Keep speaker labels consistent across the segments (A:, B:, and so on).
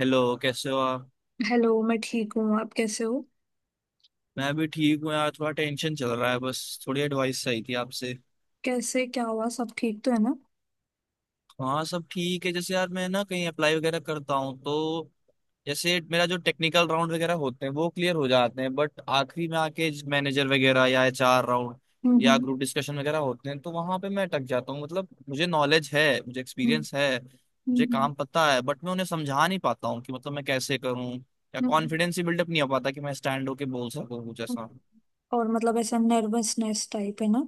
A: Hello, कैसे हो आप।
B: हेलो। मैं ठीक हूँ। आप कैसे हो?
A: मैं भी ठीक हूँ यार, थोड़ा टेंशन चल रहा है बस। थोड़ी एडवाइस चाहिए थी आपसे।
B: कैसे, क्या हुआ? सब ठीक तो है ना?
A: हाँ, सब ठीक है। जैसे यार मैं ना कहीं अप्लाई वगैरह करता हूँ तो जैसे मेरा जो टेक्निकल राउंड वगैरह होते हैं वो क्लियर हो जाते हैं, बट आखिरी में आके मैनेजर वगैरह या एचआर राउंड
B: हम्म।
A: या
B: हम्म।
A: ग्रुप डिस्कशन वगैरह होते हैं तो वहां पे मैं अटक जाता हूँ। मतलब मुझे नॉलेज है, मुझे एक्सपीरियंस है, मुझे
B: हम्म।
A: काम पता है, बट मैं उन्हें समझा नहीं पाता हूँ कि मतलब मैं कैसे करूँ या
B: हम्म।
A: कॉन्फिडेंस ही बिल्डअप नहीं हो पाता कि मैं स्टैंड होके बोल सकूँ कुछ
B: हम्म।
A: ऐसा।
B: और मतलब ऐसा नर्वसनेस टाइप है ना?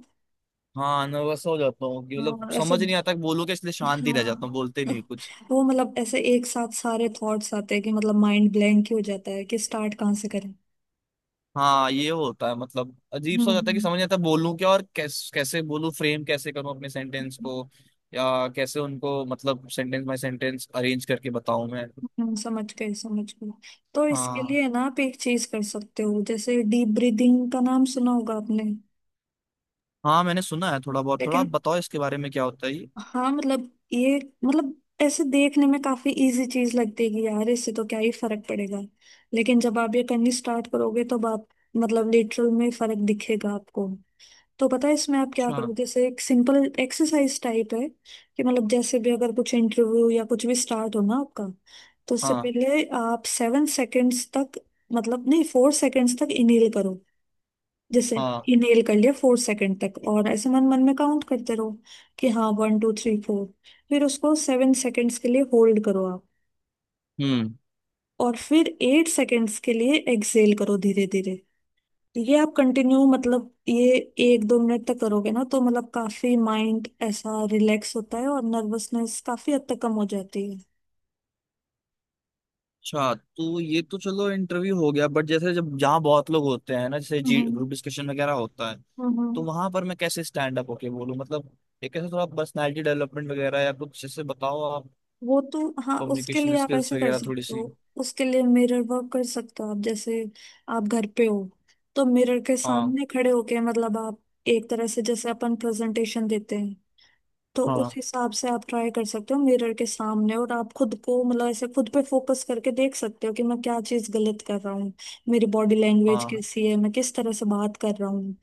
A: हाँ, नर्वस हो जाता हूँ कि
B: हाँ,
A: मतलब
B: और ऐसे।
A: समझ नहीं आता कि बोलूँ क्या, इसलिए शांति रह जाता
B: हाँ।
A: हूँ, बोलते नहीं कुछ।
B: वो मतलब ऐसे एक साथ सारे थॉट्स आते हैं कि मतलब माइंड ब्लैंक ही हो जाता है कि स्टार्ट कहाँ से करें।
A: हाँ, ये होता है, मतलब अजीब सा हो जाता है कि
B: हम्म।
A: समझ नहीं आता बोलूँ क्या और कैसे बोलूँ, फ्रेम कैसे करूँ अपने सेंटेंस
B: हम्म।
A: को या कैसे उनको मतलब सेंटेंस बाय सेंटेंस अरेंज करके बताऊँ मैं।
B: समझ गए समझ गए। तो इसके
A: हाँ।
B: लिए ना आप एक चीज कर सकते हो। जैसे डीप ब्रीदिंग का नाम सुना होगा आपने।
A: हाँ, मैंने सुना है थोड़ा बहुत। थोड़ा
B: लेकिन
A: आप बताओ इसके बारे में, क्या होता है ये।
B: हाँ मतलब ये। मतलब ऐसे देखने में काफी इजी चीज लगतेगी यार। इससे तो क्या ही फर्क पड़ेगा। लेकिन जब आप ये करनी स्टार्ट करोगे तो आप मतलब लिटरल में फर्क दिखेगा आपको। तो पता है इसमें आप क्या
A: अच्छा।
B: करोगे? जैसे एक सिंपल एक्सरसाइज टाइप है कि मतलब जैसे भी अगर कुछ इंटरव्यू या कुछ भी स्टार्ट हो ना आपका। तो उससे
A: हाँ।
B: पहले आप 7 सेकेंड्स तक, मतलब नहीं, 4 सेकेंड्स तक इनहेल करो। जैसे
A: हाँ।
B: ये नेल कर लिया 4 सेकंड तक और ऐसे मन मन में काउंट करते रहो। कि हाँ 1 2 3 4। फिर उसको 7 सेकंड्स के लिए होल्ड करो आप।
A: हम्म।
B: और फिर 8 सेकंड्स के लिए एक्सेल करो धीरे धीरे। ये आप कंटिन्यू मतलब ये एक दो मिनट तक करोगे ना तो मतलब काफी माइंड ऐसा रिलैक्स होता है और नर्वसनेस काफी हद तक कम हो जाती है।
A: अच्छा, तो ये तो चलो इंटरव्यू हो गया, बट जैसे जब जहाँ बहुत लोग होते हैं ना, जैसे जी
B: हम्म।
A: ग्रुप डिस्कशन वगैरह होता है तो
B: हम्म।
A: वहां पर मैं कैसे स्टैंड अप होके बोलूँ। मतलब एक ऐसे थोड़ा पर्सनैलिटी डेवलपमेंट वगैरह या कुछ, जैसे बताओ आप।
B: वो तो हाँ उसके
A: कम्युनिकेशन
B: लिए आप
A: स्किल्स
B: ऐसे कर
A: वगैरह थोड़ी
B: सकते हो।
A: सी।
B: उसके लिए मिरर वर्क कर सकते हो आप। जैसे आप घर पे हो तो मिरर के
A: हाँ।
B: सामने खड़े होके मतलब आप एक तरह से जैसे अपन प्रेजेंटेशन देते हैं। तो
A: हाँ।
B: उस हिसाब से आप ट्राई कर सकते हो मिरर के सामने और आप खुद को मतलब ऐसे खुद पे फोकस करके देख सकते हो कि मैं क्या चीज गलत कर रहा हूँ। मेरी बॉडी लैंग्वेज
A: हाँ।
B: कैसी है? मैं किस तरह से बात कर रहा हूँ?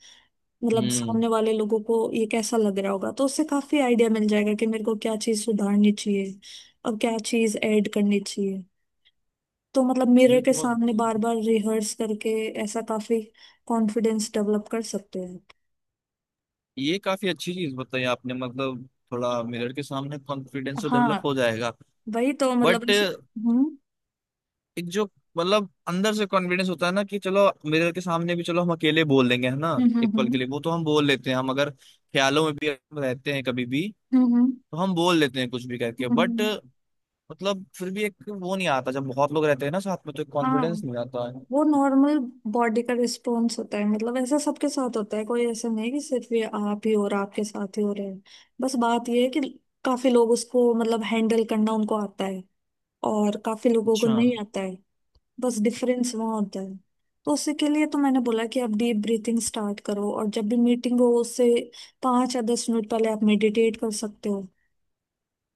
B: मतलब
A: हम्म।
B: सामने वाले लोगों को ये कैसा लग रहा होगा? तो उससे काफी आइडिया मिल जाएगा कि मेरे को क्या चीज सुधारनी चाहिए और क्या चीज ऐड करनी चाहिए। तो मतलब मिरर
A: ये
B: के
A: बहुत।
B: सामने बार बार रिहर्स करके ऐसा काफी कॉन्फिडेंस डेवलप कर सकते हैं।
A: ये काफी अच्छी चीज बताई आपने, मतलब थोड़ा मिरर के सामने कॉन्फिडेंस तो
B: हाँ
A: डेवलप हो जाएगा,
B: वही तो मतलब
A: बट
B: इस- हम्म।
A: एक जो मतलब अंदर से कॉन्फिडेंस होता है ना कि चलो मिरर के सामने भी चलो हम अकेले बोल देंगे है ना,
B: हम्म। हम्म।
A: एक पल के
B: हम्म।
A: लिए वो तो हम बोल लेते हैं, हम अगर ख्यालों में भी रहते हैं कभी भी
B: हम्म।
A: तो हम बोल लेते हैं कुछ भी करके, बट
B: हम्म,
A: मतलब फिर भी एक वो नहीं आता जब बहुत लोग रहते हैं ना साथ में, तो एक
B: हाँ।
A: कॉन्फिडेंस नहीं आता है।
B: वो नॉर्मल बॉडी का रिस्पॉन्स होता है मतलब ऐसा सबके साथ होता है। कोई ऐसा नहीं है कि सिर्फ ये आप ही और आपके साथ ही हो रहे हैं। बस बात ये है कि काफी लोग उसको मतलब हैंडल करना उनको आता है और काफी लोगों को
A: अच्छा।
B: नहीं आता है। बस डिफरेंस वहाँ होता है। तो उसी के लिए तो मैंने बोला कि आप डीप ब्रीथिंग स्टार्ट करो और जब भी मीटिंग हो उससे 5 या 10 मिनट पहले आप मेडिटेट कर सकते हो।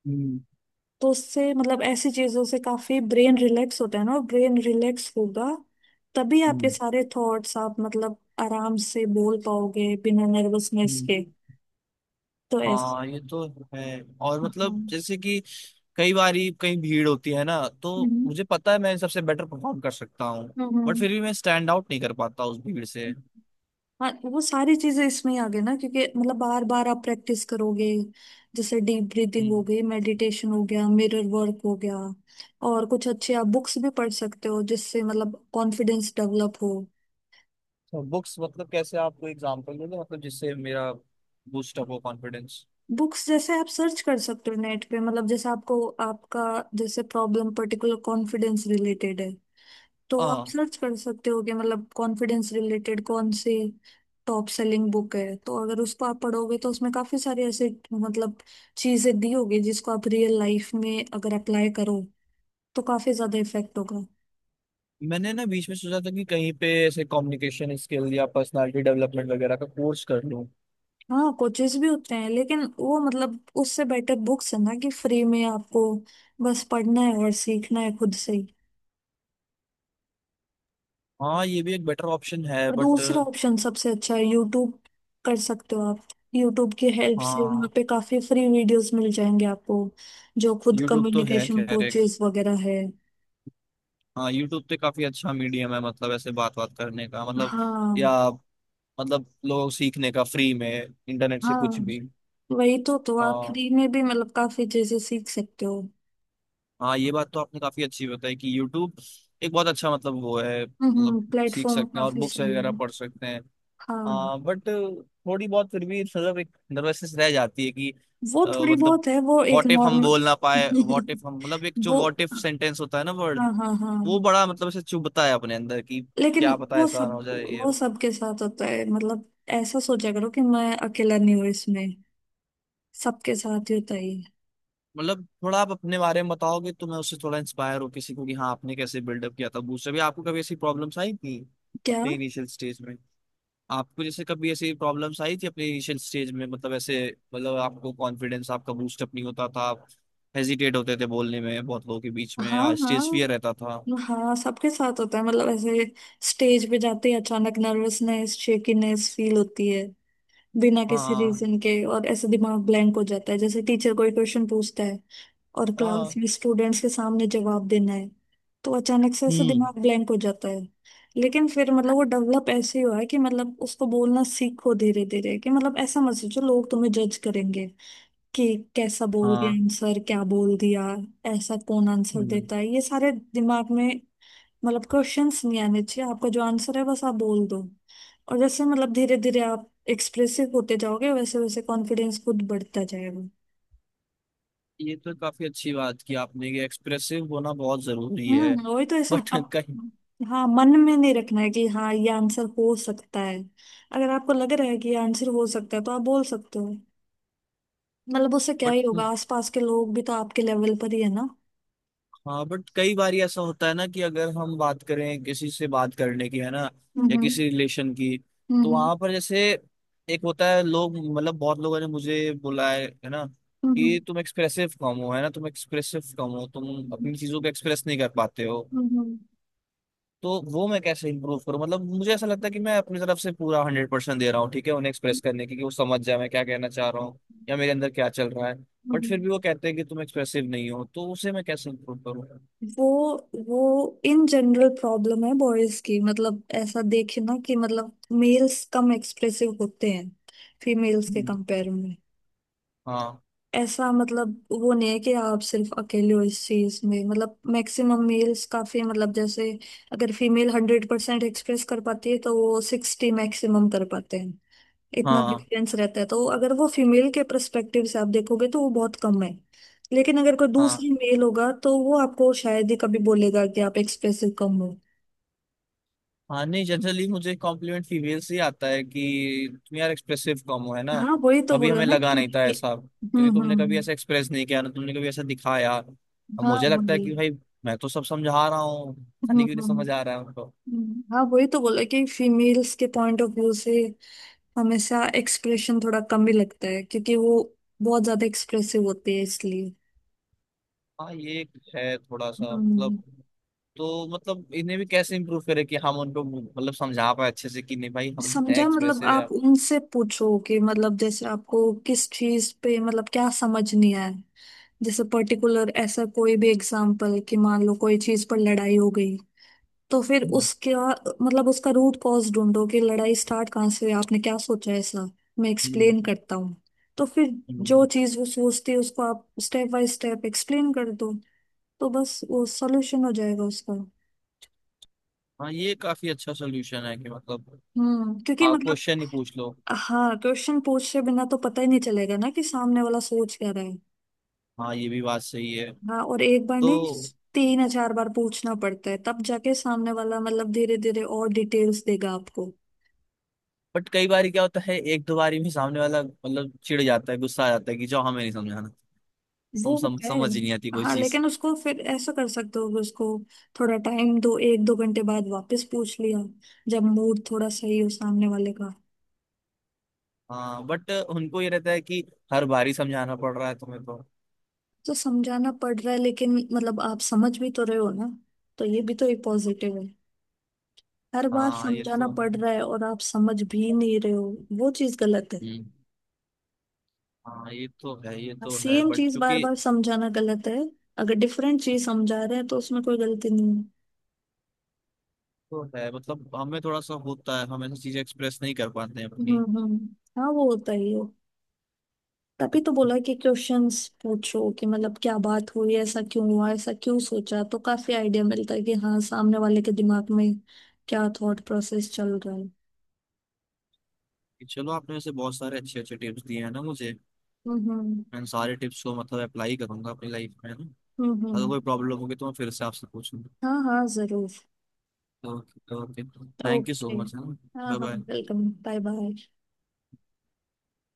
A: हम्म।
B: तो उससे मतलब ऐसी चीजों से काफी ब्रेन रिलैक्स होता है ना और ब्रेन रिलैक्स होगा तभी आपके
A: हम्म।
B: सारे थॉट्स आप मतलब आराम से बोल पाओगे बिना नर्वसनेस
A: हम्म।
B: के। तो ऐसे।
A: हाँ, ये तो है। और मतलब
B: हाँ।
A: जैसे कि कई बारी कहीं भीड़ होती है ना, तो
B: हम्म।
A: मुझे पता है मैं सबसे बेटर परफॉर्म कर सकता हूँ, बट
B: हम्म।
A: फिर भी मैं स्टैंड आउट नहीं कर पाता उस भीड़ से।
B: हाँ वो सारी चीजें इसमें ही आ गई ना क्योंकि मतलब बार बार आप प्रैक्टिस करोगे। जैसे डीप ब्रीदिंग हो
A: हम्म।
B: गई, मेडिटेशन हो गया, मिरर वर्क हो गया और कुछ अच्छे आप बुक्स भी पढ़ सकते हो जिससे मतलब कॉन्फिडेंस डेवलप हो।
A: तो बुक्स मतलब कैसे, आपको एग्जांपल दोगे मतलब जिससे मेरा बूस्ट अप हो कॉन्फिडेंस।
B: बुक्स जैसे आप सर्च कर सकते हो नेट पे मतलब जैसे आपको आपका जैसे प्रॉब्लम पर्टिकुलर कॉन्फिडेंस रिलेटेड है। तो आप
A: हाँ,
B: सर्च कर सकते हो कि मतलब कॉन्फिडेंस रिलेटेड कौन से टॉप सेलिंग बुक है, तो अगर उसको आप पढ़ोगे तो उसमें काफी सारे ऐसे मतलब चीजें दी होगी जिसको आप रियल लाइफ में अगर अप्लाई करो तो काफी ज्यादा इफेक्ट होगा।
A: मैंने ना बीच में सोचा था कि कहीं पे ऐसे कम्युनिकेशन स्किल या पर्सनालिटी डेवलपमेंट वगैरह का कोर्स कर लूँ।
B: हाँ कोचेस भी होते हैं लेकिन वो मतलब उससे बेटर बुक्स है ना कि फ्री में आपको बस पढ़ना है और सीखना है खुद से।
A: हाँ, ये भी एक बेटर ऑप्शन है,
B: और
A: बट
B: दूसरा ऑप्शन सबसे अच्छा है यूट्यूब। कर सकते हो आप। यूट्यूब की हेल्प से वहाँ
A: हाँ
B: पे काफी फ्री वीडियोस मिल जाएंगे आपको जो खुद
A: यूट्यूब तो है
B: कम्युनिकेशन
A: खैर एक।
B: कोचेस वगैरह है।
A: हाँ, यूट्यूब तो काफी अच्छा मीडियम है मतलब ऐसे बात बात करने का मतलब
B: हाँ।
A: या मतलब लोग सीखने का फ्री में, इंटरनेट से कुछ
B: हाँ
A: भी।
B: वही तो आप
A: और
B: फ्री में भी मतलब काफी चीजें सीख सकते हो।
A: हाँ, ये बात तो आपने काफी अच्छी बताई कि यूट्यूब एक बहुत अच्छा मतलब वो है, मतलब सीख
B: प्लेटफॉर्म
A: सकते हैं और
B: काफी
A: बुक्स
B: सही
A: वगैरह
B: है।
A: पढ़ सकते हैं।
B: हाँ
A: हाँ, बट थोड़ी बहुत फिर भी मतलब एक नर्वसनेस रह जाती है कि
B: वो थोड़ी
A: मतलब
B: बहुत है, वो एक
A: व्हाट इफ हम
B: नॉर्मल।
A: बोल ना पाए, व्हाट इफ हम मतलब एक जो
B: वो।
A: व्हाट इफ सेंटेंस होता है ना, वर्ड।
B: हाँ हाँ हाँ।
A: वो बड़ा मतलब ऐसे चुभता है अपने अंदर कि
B: लेकिन
A: क्या पता
B: वो
A: ऐसा
B: सब
A: ना हो जाए ये।
B: वो सबके साथ होता है मतलब ऐसा सोचा करो कि मैं अकेला नहीं हूँ इसमें। सबके साथ ही होता है ये।
A: मतलब थोड़ा आप अपने बारे में बताओगे तो मैं उससे थोड़ा इंस्पायर हो किसी को कि हाँ, आपने कैसे बिल्डअप किया था बूस्ट अभी, आपको कभी ऐसी प्रॉब्लम्स आई थी
B: क्या?
A: अपने इनिशियल स्टेज में। आपको जैसे कभी ऐसी प्रॉब्लम्स आई थी अपने इनिशियल स्टेज में, मतलब ऐसे मतलब आपको कॉन्फिडेंस आपका बूस्टअप नहीं होता था, आप हेजिटेट होते थे बोलने में बहुत लोगों के बीच में,
B: हाँ
A: स्टेज
B: हाँ
A: फियर रहता था।
B: हाँ सबके साथ होता है मतलब ऐसे स्टेज पे जाते ही अचानक नर्वसनेस, शेकीनेस फील होती है बिना किसी
A: हाँ।
B: रीजन के और ऐसे दिमाग ब्लैंक हो जाता है। जैसे टीचर कोई क्वेश्चन पूछता है और क्लास
A: हाँ।
B: में स्टूडेंट्स के सामने जवाब देना है तो अचानक से ऐसे
A: हम्म।
B: दिमाग ब्लैंक हो जाता है। लेकिन फिर मतलब वो डेवलप ऐसे ही हुआ है कि मतलब उसको बोलना सीखो धीरे धीरे कि मतलब ऐसा मत सोचो लोग तुम्हें जज करेंगे कि कैसा बोल दिया
A: हाँ।
B: आंसर, क्या बोल दिया। ऐसा कौन आंसर
A: हम्म।
B: देता है, ये सारे दिमाग में मतलब क्वेश्चंस नहीं आने चाहिए। आपका जो आंसर है बस आप बोल दो। और जैसे मतलब धीरे धीरे आप एक्सप्रेसिव होते जाओगे वैसे वैसे कॉन्फिडेंस खुद बढ़ता जाएगा।
A: ये तो काफी अच्छी बात की आपने कि एक्सप्रेसिव होना बहुत जरूरी है,
B: वही तो ऐसा
A: बट
B: अब।
A: कहीं।
B: हाँ मन में नहीं रखना है कि हाँ ये आंसर हो सकता है। अगर आपको लग रहा है कि ये आंसर हो सकता है तो आप बोल सकते हो। मतलब उससे क्या
A: बट
B: ही होगा, आसपास के लोग भी तो आपके लेवल पर ही है ना।
A: हाँ, बट कई बार ऐसा होता है ना कि अगर हम बात करें किसी से, बात करने की है ना या
B: हम्म।
A: किसी रिलेशन की, तो
B: हम्म।
A: वहां पर जैसे एक होता है लोग मतलब बहुत लोगों ने मुझे बोला है ना
B: हम्म।
A: कि तुम एक्सप्रेसिव कम हो है ना, तुम एक्सप्रेसिव कम हो, तुम अपनी चीजों को एक्सप्रेस नहीं कर पाते हो,
B: हम्म।
A: तो वो मैं कैसे इंप्रूव करूँ। मतलब मुझे ऐसा लगता है कि मैं अपनी तरफ से पूरा हंड्रेड परसेंट दे रहा हूँ ठीक है उन्हें एक्सप्रेस करने की कि वो समझ जाए मैं क्या कहना चाह रहा हूँ या मेरे अंदर क्या चल रहा है, बट फिर भी वो कहते हैं कि तुम एक्सप्रेसिव नहीं हो, तो उसे मैं कैसे इंप्रूव करूँ।
B: वो वो इन जनरल प्रॉब्लम है बॉयज की। मतलब ऐसा देखे ना कि मतलब मेल्स कम एक्सप्रेसिव होते हैं फीमेल्स के
A: हम्म।
B: कंपेयर में।
A: हाँ।
B: ऐसा मतलब वो नहीं है कि आप सिर्फ अकेले हो इस चीज में। मतलब मैक्सिमम मेल्स काफी मतलब जैसे अगर फीमेल 100% एक्सप्रेस कर पाती है तो वो 60 मैक्सिमम कर पाते हैं। इतना
A: हाँ।
B: डिफरेंस रहता है, तो अगर वो फीमेल के परस्पेक्टिव से आप देखोगे तो वो बहुत कम है। लेकिन अगर कोई
A: हाँ।
B: दूसरी मेल होगा तो वो आपको शायद ही कभी बोलेगा कि आप एक्सप्रेसिव कम हो।
A: हाँ, नहीं जनरली मुझे कॉम्प्लीमेंट फीमेल से ही आता है कि तुम यार एक्सप्रेसिव कम हो है ना,
B: हाँ वही तो
A: कभी
B: बोला
A: हमें
B: ना
A: लगा नहीं था
B: क्योंकि
A: ऐसा क्योंकि
B: हम्म।
A: तुमने कभी
B: हम्म।
A: ऐसा एक्सप्रेस नहीं किया ना, तुमने कभी ऐसा दिखाया। अब
B: हाँ
A: मुझे लगता है
B: वही।
A: कि भाई मैं तो सब समझा रहा हूँ, पता
B: हम्म।
A: नहीं क्यों नहीं समझ आ रहा है उनको।
B: हाँ वही तो बोला कि फीमेल्स के पॉइंट ऑफ व्यू से हमेशा एक्सप्रेशन थोड़ा कम ही लगता है क्योंकि वो बहुत ज्यादा एक्सप्रेसिव होते हैं इसलिए।
A: हाँ, ये एक है थोड़ा सा मतलब।
B: हम्म।
A: तो मतलब इन्हें भी कैसे इम्प्रूव करे कि हम उनको मतलब समझा पाए अच्छे से कि नहीं भाई, हम हैं
B: समझा मतलब
A: एक्सप्रेसिव
B: आप
A: यार।
B: उनसे पूछो कि मतलब जैसे आपको किस चीज पे मतलब क्या समझ नहीं आया। जैसे पर्टिकुलर ऐसा कोई भी एग्जाम्पल कि मान लो कोई चीज पर लड़ाई हो गई तो फिर
A: हम्म।
B: उसके मतलब उसका रूट कॉज ढूंढो कि लड़ाई स्टार्ट कहाँ से हुई, आपने क्या सोचा है, ऐसा मैं
A: हम्म।
B: एक्सप्लेन करता हूँ। तो फिर जो
A: हम्म।
B: चीज वो सोचती है उसको आप स्टेप बाय स्टेप एक्सप्लेन कर दो, तो बस वो सॉल्यूशन हो जाएगा उसका।
A: हाँ, ये काफी अच्छा सोल्यूशन है कि मतलब
B: क्योंकि
A: आप
B: मतलब
A: क्वेश्चन ही पूछ लो।
B: हाँ, क्वेश्चन पूछे बिना तो पता ही नहीं चलेगा ना कि सामने वाला सोच क्या रहा है।
A: हाँ, ये भी बात सही है।
B: हाँ, और एक बार नहीं,
A: तो
B: 3 या 4 बार पूछना पड़ता है, तब जाके सामने वाला मतलब धीरे धीरे और डिटेल्स देगा आपको।
A: बट कई बार क्या होता है एक दो बारी में सामने वाला मतलब चिढ़ जाता है, गुस्सा आ जाता है कि जो हमें नहीं समझाना,
B: वो होता है
A: समझ ही नहीं आती कोई
B: हाँ,
A: चीज।
B: लेकिन उसको फिर ऐसा कर सकते हो कि उसको थोड़ा टाइम दो, एक दो घंटे बाद वापस पूछ लिया जब मूड थोड़ा सही हो सामने वाले का।
A: हाँ, बट उनको ये रहता है कि हर बारी समझाना पड़ रहा है तुम्हें, तो
B: तो समझाना पड़ रहा है लेकिन मतलब आप समझ भी तो रहे हो ना, तो ये भी तो एक पॉजिटिव है। हर बार
A: हाँ ये
B: समझाना
A: तो
B: पड़
A: है।
B: रहा है और आप समझ भी नहीं रहे हो, वो चीज गलत है।
A: हम्म। हाँ, ये तो है, ये तो है
B: सेम
A: बट
B: चीज बार
A: क्योंकि
B: बार समझाना गलत है, अगर डिफरेंट चीज समझा रहे हैं तो उसमें कोई गलती नहीं है।
A: तो है मतलब हमें थोड़ा सा होता है, हम ऐसी चीजें एक्सप्रेस नहीं कर पाते हैं
B: हम्म।
A: अपनी।
B: हम्म। हाँ वो होता ही है, तभी तो बोला कि क्वेश्चंस पूछो कि मतलब क्या बात हुई, ऐसा क्यों हुआ, ऐसा क्यों सोचा, तो काफी आइडिया मिलता है कि हाँ सामने वाले के दिमाग में क्या थॉट प्रोसेस चल रहा है।
A: कि चलो आपने वैसे बहुत सारे अच्छे अच्छे टिप्स दिए हैं ना मुझे,
B: हम्म। हम्म।
A: मैं इन सारे टिप्स को मतलब अप्लाई करूंगा अपनी लाइफ में है ना।
B: हम्म।
A: अगर
B: हम्म।
A: कोई प्रॉब्लम होगी तो मैं फिर से आपसे पूछूंगा।
B: हाँ हाँ जरूर।
A: Okay okay, thank you so
B: okay.
A: Much है ना।
B: हाँ
A: बाय
B: हाँ
A: बाय।
B: Welcome, bye bye.